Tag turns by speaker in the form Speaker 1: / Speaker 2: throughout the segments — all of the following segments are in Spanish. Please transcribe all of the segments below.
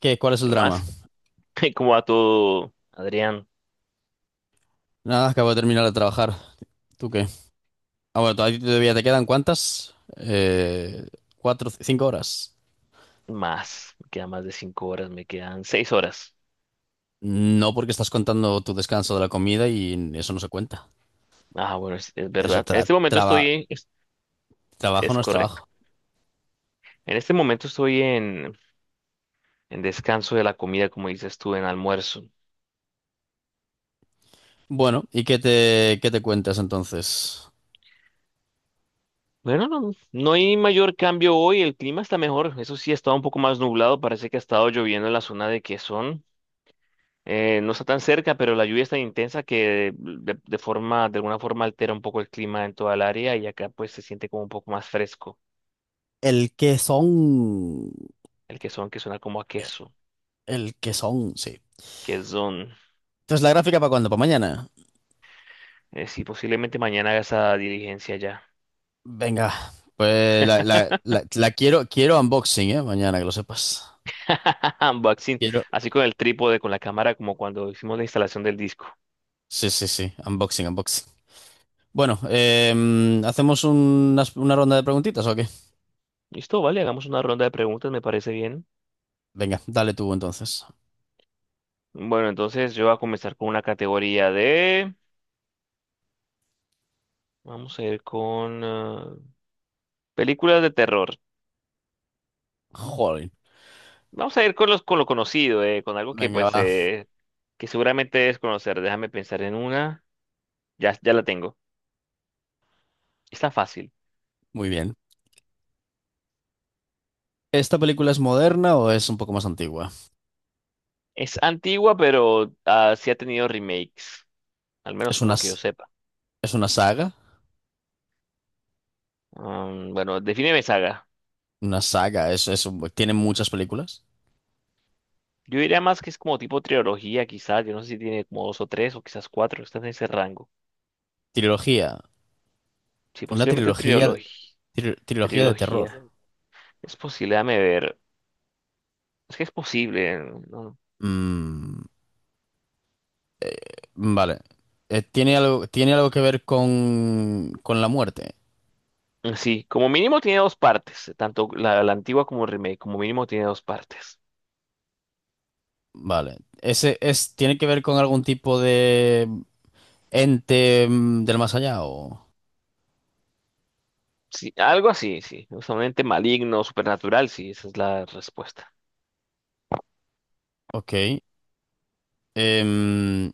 Speaker 1: ¿Qué? ¿Cuál es el
Speaker 2: ¿Qué
Speaker 1: drama?
Speaker 2: más? ¿Cómo va todo, Adrián?
Speaker 1: Nada, acabo de terminar de trabajar. ¿Tú qué? Ah, bueno, todavía te quedan cuántas? Cuatro, cinco horas.
Speaker 2: Más, me quedan más de 5 horas, me quedan 6 horas.
Speaker 1: No, porque estás contando tu descanso de la comida y eso no se cuenta.
Speaker 2: Ah, bueno, es
Speaker 1: Eso
Speaker 2: verdad. En
Speaker 1: tra-
Speaker 2: este momento
Speaker 1: traba-
Speaker 2: estoy, es,
Speaker 1: Trabajo
Speaker 2: es
Speaker 1: no es
Speaker 2: correcto.
Speaker 1: trabajo.
Speaker 2: En este momento estoy en descanso de la comida, como dices tú, en almuerzo.
Speaker 1: Bueno, ¿y qué te cuentas entonces?
Speaker 2: Bueno, no, no hay mayor cambio hoy, el clima está mejor, eso sí, ha estado un poco más nublado, parece que ha estado lloviendo en la zona de Quezón. No está tan cerca, pero la lluvia es tan intensa que de alguna forma altera un poco el clima en toda el área y acá pues se siente como un poco más fresco.
Speaker 1: El que son.
Speaker 2: El quesón que suena como a queso.
Speaker 1: El que son, sí.
Speaker 2: Quesón.
Speaker 1: Entonces, ¿la gráfica para cuándo? ¿Para mañana?
Speaker 2: Sí, posiblemente mañana haga esa diligencia ya.
Speaker 1: Venga, pues la, la- la- la quiero, quiero unboxing, ¿eh? Mañana, que lo sepas.
Speaker 2: Unboxing.
Speaker 1: Quiero.
Speaker 2: Así con el trípode, con la cámara, como cuando hicimos la instalación del disco.
Speaker 1: Sí, sí, sí. Unboxing, unboxing. Bueno, ¿hacemos una ronda de preguntitas o qué?
Speaker 2: Listo, vale, hagamos una ronda de preguntas, me parece bien.
Speaker 1: Venga, dale tú entonces.
Speaker 2: Bueno, entonces yo voy a comenzar con una categoría de... Vamos a ir con películas de terror.
Speaker 1: Jolín.
Speaker 2: Vamos a ir con lo conocido, con algo que
Speaker 1: Venga,
Speaker 2: pues
Speaker 1: va.
Speaker 2: que seguramente es conocer. Déjame pensar en una. Ya la tengo. Está fácil.
Speaker 1: Muy bien. ¿Esta película es moderna o es un poco más antigua?
Speaker 2: Es antigua, pero sí ha tenido remakes. Al
Speaker 1: ¿Es
Speaker 2: menos
Speaker 1: una,
Speaker 2: uno que yo sepa.
Speaker 1: es una saga?
Speaker 2: Mm, bueno, defíneme saga.
Speaker 1: Una saga, es tiene muchas películas.
Speaker 2: Yo diría más que es como tipo trilogía, quizás. Yo no sé si tiene como dos o tres o quizás cuatro. Está en ese rango.
Speaker 1: Trilogía.
Speaker 2: Sí,
Speaker 1: Una
Speaker 2: posiblemente
Speaker 1: trilogía,
Speaker 2: trilogía.
Speaker 1: trilogía de terror.
Speaker 2: Trilogía. Es posible, déjame ver. Es que es posible. ¿No?
Speaker 1: Mm, vale. Tiene algo que ver con la muerte?
Speaker 2: Mm, sí, como mínimo tiene dos partes. Tanto la antigua como el remake. Como mínimo tiene dos partes.
Speaker 1: Vale. Ese es, ¿tiene que ver con algún tipo de ente del más allá o...
Speaker 2: Sí, algo así, sí. Usualmente maligno, supernatural, sí. Esa es la respuesta.
Speaker 1: Ok. Em,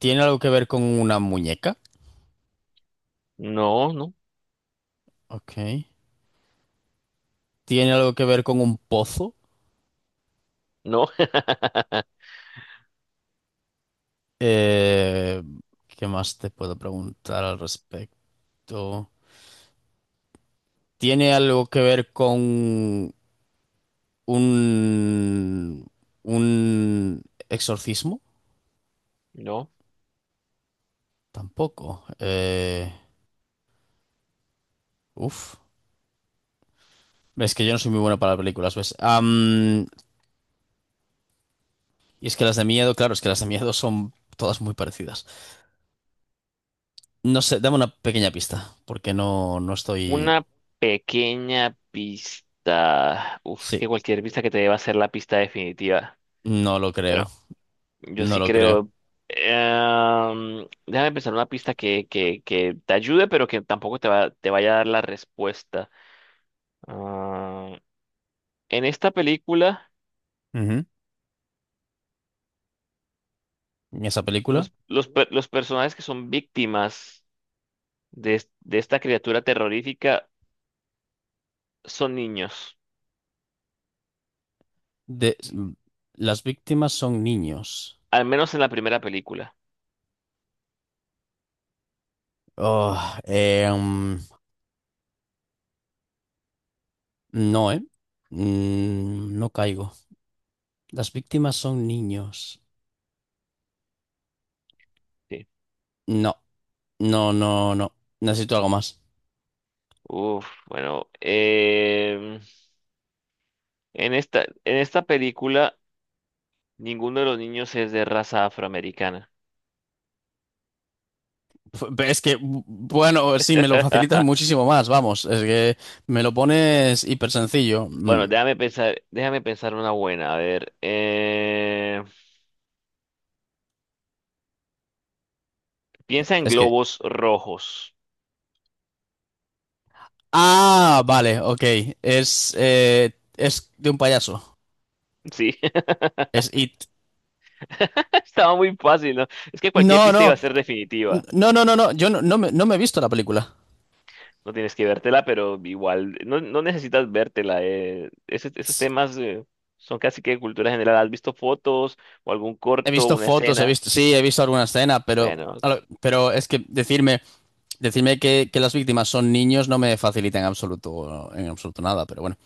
Speaker 1: ¿Tiene algo que ver con una muñeca?
Speaker 2: No, no,
Speaker 1: Ok. ¿Tiene algo que ver con un pozo?
Speaker 2: no,
Speaker 1: Eh, ¿Qué más te puedo preguntar al respecto? ¿Tiene algo que ver con un... un exorcismo?
Speaker 2: no.
Speaker 1: Tampoco. Uf. Es que yo no soy muy bueno para películas, ¿ves? Y es que las de miedo, claro, es que las de miedo son todas muy parecidas. No sé, dame una pequeña pista, porque no, no estoy...
Speaker 2: Una pequeña pista. Uf,
Speaker 1: Sí,
Speaker 2: que cualquier pista que te dé va a ser la pista definitiva.
Speaker 1: no lo creo,
Speaker 2: Pero yo
Speaker 1: no
Speaker 2: sí
Speaker 1: lo creo.
Speaker 2: creo. Déjame pensar una pista que, te ayude, pero que tampoco te vaya a dar la respuesta. Ah, en esta película,
Speaker 1: Ujú. En esa película,
Speaker 2: los personajes que son víctimas de esta criatura terrorífica son niños.
Speaker 1: de... las víctimas son niños.
Speaker 2: Al menos en la primera película.
Speaker 1: Oh, eh, mm, no, ¿eh? No caigo. Las víctimas son niños.
Speaker 2: Sí.
Speaker 1: No, no, no, no. Necesito algo más.
Speaker 2: Uf, bueno, en esta película ninguno de los niños es de raza afroamericana.
Speaker 1: Es que, bueno, sí, me lo facilitas muchísimo más, vamos. Es que me lo pones hiper sencillo.
Speaker 2: Bueno, déjame pensar una buena. A ver, piensa en
Speaker 1: Es que...
Speaker 2: globos rojos.
Speaker 1: Ah, vale, ok. Es de un payaso.
Speaker 2: Sí,
Speaker 1: Es It.
Speaker 2: estaba muy fácil, ¿no? Es que cualquier
Speaker 1: No,
Speaker 2: pista iba
Speaker 1: no,
Speaker 2: a ser definitiva.
Speaker 1: no, no, no, no. Yo no, no me, no me he visto la película.
Speaker 2: No tienes que vértela, pero igual, no necesitas vértela. Esos temas son casi que cultura general. ¿Has visto fotos o algún
Speaker 1: He
Speaker 2: corto,
Speaker 1: visto
Speaker 2: una
Speaker 1: fotos, he
Speaker 2: escena?
Speaker 1: visto, sí, he visto alguna escena, pero,
Speaker 2: Bueno,
Speaker 1: pero es que decirme, decirme que las víctimas son niños no me facilita en absoluto nada, pero bueno.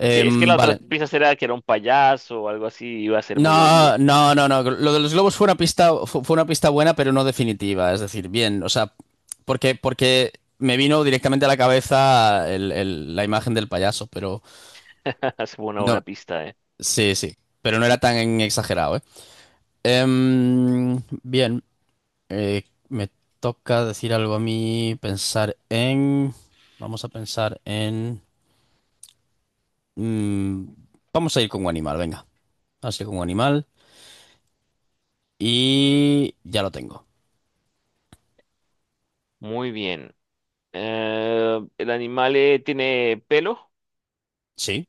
Speaker 2: ok, es que la otra
Speaker 1: Vale.
Speaker 2: pista era que era un payaso o algo así, iba a ser muy
Speaker 1: No,
Speaker 2: obvio.
Speaker 1: no, no, no. Lo de los globos fue una pista, fue una pista buena, pero no definitiva. Es decir, bien, o sea, porque, porque me vino directamente a la cabeza la imagen del payaso, pero
Speaker 2: Es una
Speaker 1: no,
Speaker 2: buena pista, ¿eh?
Speaker 1: sí, sí, pero no era tan exagerado, ¿eh? Bien, eh, me toca decir algo a mí, pensar en, vamos a pensar en, mm, vamos a ir con un animal, venga, vamos a ir con un animal y ya lo tengo.
Speaker 2: Muy bien. El animal tiene pelo,
Speaker 1: Sí.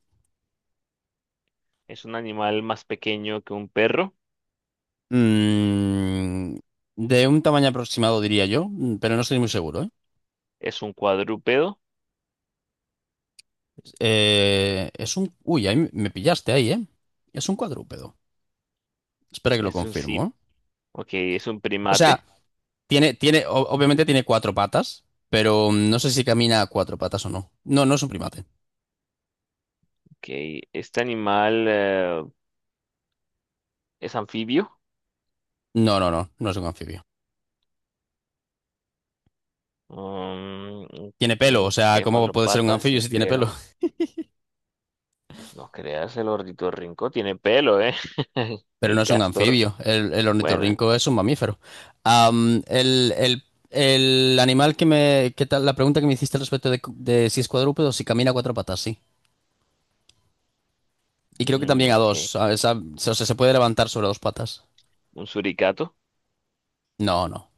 Speaker 2: es un animal más pequeño que un perro,
Speaker 1: Mm, de un tamaño aproximado, diría yo, pero no estoy muy seguro, ¿eh?
Speaker 2: es un cuadrúpedo,
Speaker 1: Es un... Uy, ahí me pillaste ahí, ¿eh? Es un cuadrúpedo. Espera que lo
Speaker 2: es un
Speaker 1: confirmo,
Speaker 2: sí,
Speaker 1: ¿eh?
Speaker 2: ok, es un
Speaker 1: O sea,
Speaker 2: primate.
Speaker 1: tiene, tiene, obviamente tiene cuatro patas, pero no sé si camina a cuatro patas o no. No, no es un primate.
Speaker 2: Ok, este animal es anfibio.
Speaker 1: No, no, no, no es un anfibio.
Speaker 2: um,
Speaker 1: Tiene pelo, o sea,
Speaker 2: Tiene
Speaker 1: ¿cómo
Speaker 2: cuatro
Speaker 1: puede ser un
Speaker 2: patas
Speaker 1: anfibio
Speaker 2: y
Speaker 1: si tiene
Speaker 2: pelo.
Speaker 1: pelo?
Speaker 2: No creas, el ornitorrinco tiene pelo, ¿eh?
Speaker 1: Pero
Speaker 2: El
Speaker 1: no es un
Speaker 2: castor,
Speaker 1: anfibio. El
Speaker 2: bueno,
Speaker 1: ornitorrinco es un mamífero. El, el animal que me... ¿Qué tal? La pregunta que me hiciste al respecto de si es cuadrúpedo, si camina a cuatro patas, sí. Y creo que
Speaker 2: mm,
Speaker 1: también a
Speaker 2: ok.
Speaker 1: dos. O sea, se puede levantar sobre dos patas.
Speaker 2: Un suricato.
Speaker 1: No, no.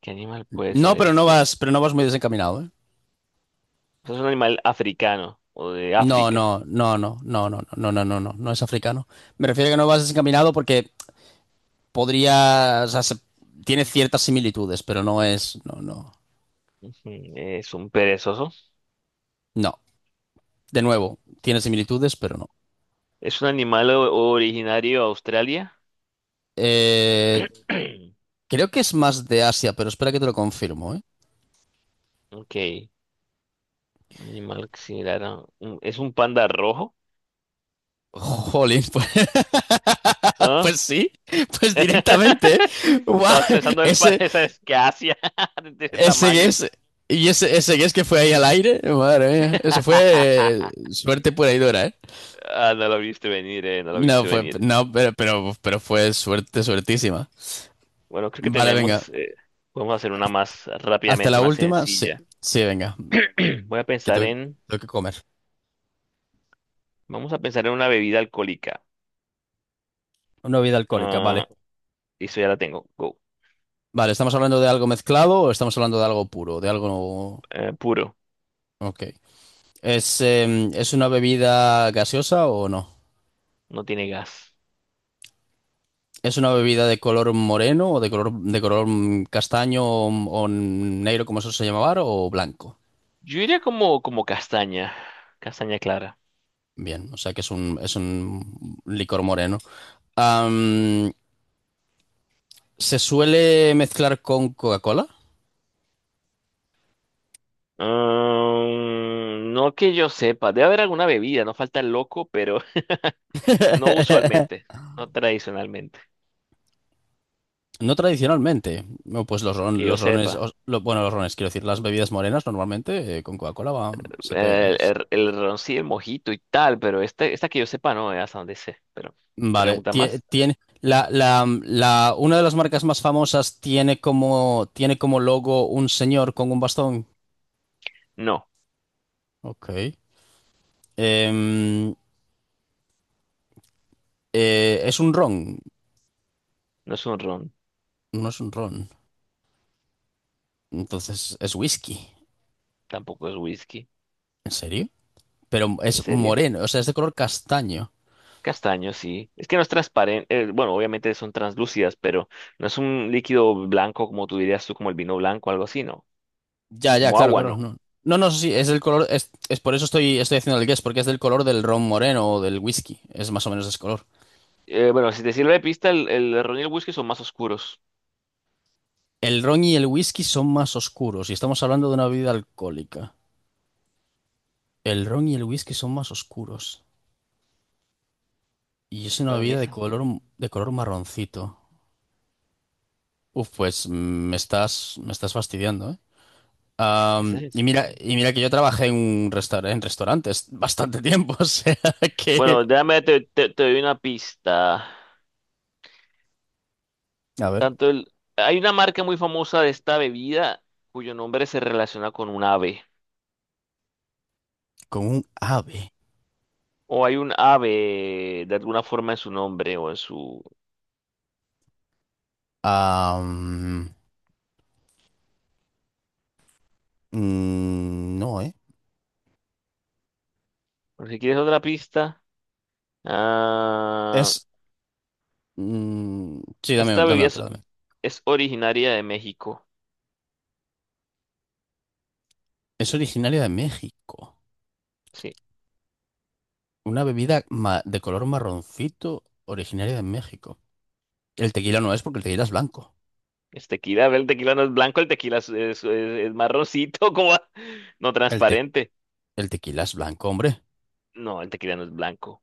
Speaker 2: ¿Qué animal puede
Speaker 1: No,
Speaker 2: ser este?
Speaker 1: pero no vas muy desencaminado, ¿eh?
Speaker 2: Pues es un animal africano o de
Speaker 1: No,
Speaker 2: África.
Speaker 1: no, no, no, no, no, no, no, no, no, no es africano. Me refiero a que no vas desencaminado porque podría, tiene ciertas similitudes, pero no es, no, no,
Speaker 2: Ujú, es un perezoso.
Speaker 1: no. De nuevo, tiene similitudes, pero no.
Speaker 2: ¿Es un animal originario de Australia?
Speaker 1: Eh, creo que es más de Asia, pero espera que te lo confirmo, ¿eh?
Speaker 2: Ok. Un animal similar a ¿Es un panda rojo?
Speaker 1: Jolín, pues,
Speaker 2: ¿Ah?
Speaker 1: pues sí, pues directamente. ¿Eh? Guau,
Speaker 2: Estabas pensando del panda,
Speaker 1: Ese,
Speaker 2: esa es que Asia, de ese
Speaker 1: ese
Speaker 2: tamaño.
Speaker 1: guess, y ese guess que fue ahí al aire, madre mía, eso fue suerte pura y dura, ¿eh?
Speaker 2: Ah, no lo viste venir, no lo
Speaker 1: No,
Speaker 2: viste
Speaker 1: fue,
Speaker 2: venir.
Speaker 1: no, pero fue suerte, suertísima.
Speaker 2: Bueno, creo que
Speaker 1: Vale, venga,
Speaker 2: tenemos. Podemos hacer una más
Speaker 1: hasta
Speaker 2: rápidamente,
Speaker 1: la
Speaker 2: una
Speaker 1: última, sí,
Speaker 2: sencilla.
Speaker 1: sí, venga,
Speaker 2: Voy a
Speaker 1: que
Speaker 2: pensar
Speaker 1: tengo,
Speaker 2: en,
Speaker 1: tengo que comer.
Speaker 2: Vamos a pensar en una bebida alcohólica.
Speaker 1: Una bebida alcohólica,
Speaker 2: Ah,
Speaker 1: vale.
Speaker 2: eso ya la tengo. Go.
Speaker 1: Vale, ¿estamos hablando de algo mezclado o estamos hablando de algo puro, de algo...
Speaker 2: Puro,
Speaker 1: Ok. ¿Es, ¿es una bebida gaseosa o no?
Speaker 2: no tiene gas.
Speaker 1: ¿Es una bebida de color moreno o de color castaño o negro, como eso se llamaba, o blanco?
Speaker 2: Yo iría como castaña, castaña clara.
Speaker 1: Bien, o sea que es un licor moreno. Am, ¿Se suele mezclar con Coca-Cola?
Speaker 2: Ah, no que yo sepa, debe haber alguna bebida, no falta el loco, pero no usualmente, no tradicionalmente,
Speaker 1: No tradicionalmente. No, pues los,
Speaker 2: que yo
Speaker 1: los rones,
Speaker 2: sepa.
Speaker 1: bueno, los rones, quiero decir, las bebidas morenas normalmente con Coca-Cola se pega.
Speaker 2: El ron sí, el mojito y tal, pero esta que yo sepa no, hasta donde sé. Pero,
Speaker 1: Vale,
Speaker 2: ¿pregunta más?
Speaker 1: tiene la, la, una de las marcas más famosas tiene como logo un señor con un bastón.
Speaker 2: No,
Speaker 1: Ok. Em, es un ron,
Speaker 2: no es un ron,
Speaker 1: no es un ron. Entonces es whisky.
Speaker 2: tampoco es whisky,
Speaker 1: ¿En serio? Pero es
Speaker 2: ¿en serio?
Speaker 1: moreno, o sea, es de color castaño.
Speaker 2: Castaño, sí. Es que no es transparente, bueno, obviamente son translúcidas, pero no es un líquido blanco como tú dirías tú, como el vino blanco, algo así, ¿no?
Speaker 1: Ya, ya,
Speaker 2: Como
Speaker 1: claro,
Speaker 2: agua,
Speaker 1: claro,
Speaker 2: no.
Speaker 1: no. No, no, sí, es del color, es por eso estoy, estoy haciendo el guess, porque es del color del ron moreno o del whisky. Es más o menos ese color.
Speaker 2: Bueno, si te sirve de pista, el ron y el whisky son más oscuros.
Speaker 1: El ron y el whisky son más oscuros y estamos hablando de una bebida alcohólica. El ron y el whisky son más oscuros. Y es una
Speaker 2: Para mí,
Speaker 1: bebida
Speaker 2: esa,
Speaker 1: de color marroncito. Uf, pues me estás fastidiando, ¿eh?
Speaker 2: esa es sencilla.
Speaker 1: Y mira que yo trabajé en un restaurante, en restaurantes bastante tiempo, o sea que...
Speaker 2: Bueno, déjame, te doy una pista.
Speaker 1: A ver,
Speaker 2: Tanto el, hay una marca muy famosa de esta bebida cuyo nombre se relaciona con un ave.
Speaker 1: con un ave.
Speaker 2: O hay un ave de alguna forma en su nombre o en su.
Speaker 1: Am, no, ¿eh?
Speaker 2: Bueno, si quieres otra pista. Ah,
Speaker 1: Es... sí, dame,
Speaker 2: esta
Speaker 1: dame
Speaker 2: bebida
Speaker 1: otra, dame.
Speaker 2: es originaria de México.
Speaker 1: Es originaria de México.
Speaker 2: Sí.
Speaker 1: Una bebida de color marroncito originaria de México. El tequila no es porque el tequila es blanco.
Speaker 2: Es tequila. El tequila no es blanco, el tequila es marroncito, como no
Speaker 1: El,
Speaker 2: transparente.
Speaker 1: el tequila es blanco, hombre.
Speaker 2: No, el tequila no es blanco.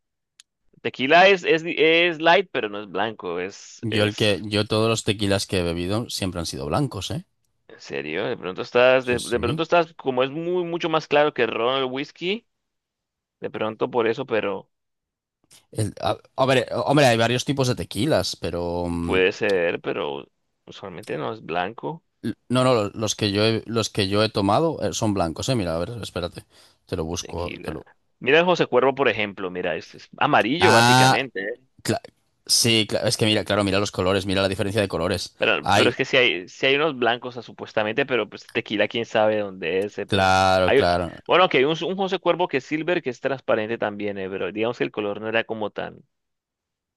Speaker 2: El tequila es light, pero no es blanco. Es,
Speaker 1: Yo el
Speaker 2: es.
Speaker 1: que, yo todos los tequilas que he bebido siempre han sido blancos, ¿eh?
Speaker 2: ¿En serio? De pronto estás,
Speaker 1: Sí, sí.
Speaker 2: como es mucho más claro que el ron, el whisky, de pronto por eso, pero
Speaker 1: A, a ver, hombre, hay varios tipos de tequilas, pero
Speaker 2: puede ser, pero usualmente no es blanco.
Speaker 1: no, no, los que yo he, los que yo he tomado son blancos, ¿eh? Mira, a ver, espérate, te lo busco, te
Speaker 2: Tequila.
Speaker 1: lo.
Speaker 2: Mira el José Cuervo, por ejemplo, mira, es amarillo
Speaker 1: Ah,
Speaker 2: básicamente.
Speaker 1: cla- sí, es que mira, claro, mira los colores, mira la diferencia de colores.
Speaker 2: Pero
Speaker 1: Ay,
Speaker 2: es que si hay unos blancos, o sea, supuestamente, pero pues tequila, quién sabe dónde es, pero
Speaker 1: claro,
Speaker 2: hay,
Speaker 1: claro.
Speaker 2: bueno, que hay un José Cuervo que es silver, que es transparente también, pero digamos que el color no era como tan,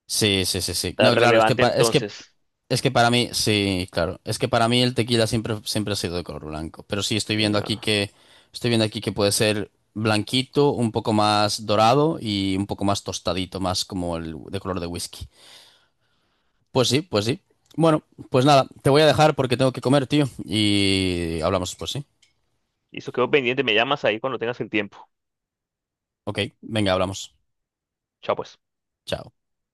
Speaker 1: Sí, sí, sí, sí.
Speaker 2: tan
Speaker 1: No, claro, es que,
Speaker 2: relevante
Speaker 1: es que,
Speaker 2: entonces.
Speaker 1: es que para mí, sí, claro, es que para mí el tequila siempre, siempre ha sido de color blanco. Pero sí, estoy
Speaker 2: Sí,
Speaker 1: viendo
Speaker 2: no,
Speaker 1: aquí
Speaker 2: no.
Speaker 1: que, estoy viendo aquí que puede ser blanquito, un poco más dorado y un poco más tostadito, más como el de color de whisky. Pues sí, pues sí. Bueno, pues nada, te voy a dejar porque tengo que comer, tío. Y hablamos, pues sí.
Speaker 2: Y eso quedó pendiente, me llamas ahí cuando tengas el tiempo.
Speaker 1: Ok, venga, hablamos.
Speaker 2: Chao, pues.
Speaker 1: Chao.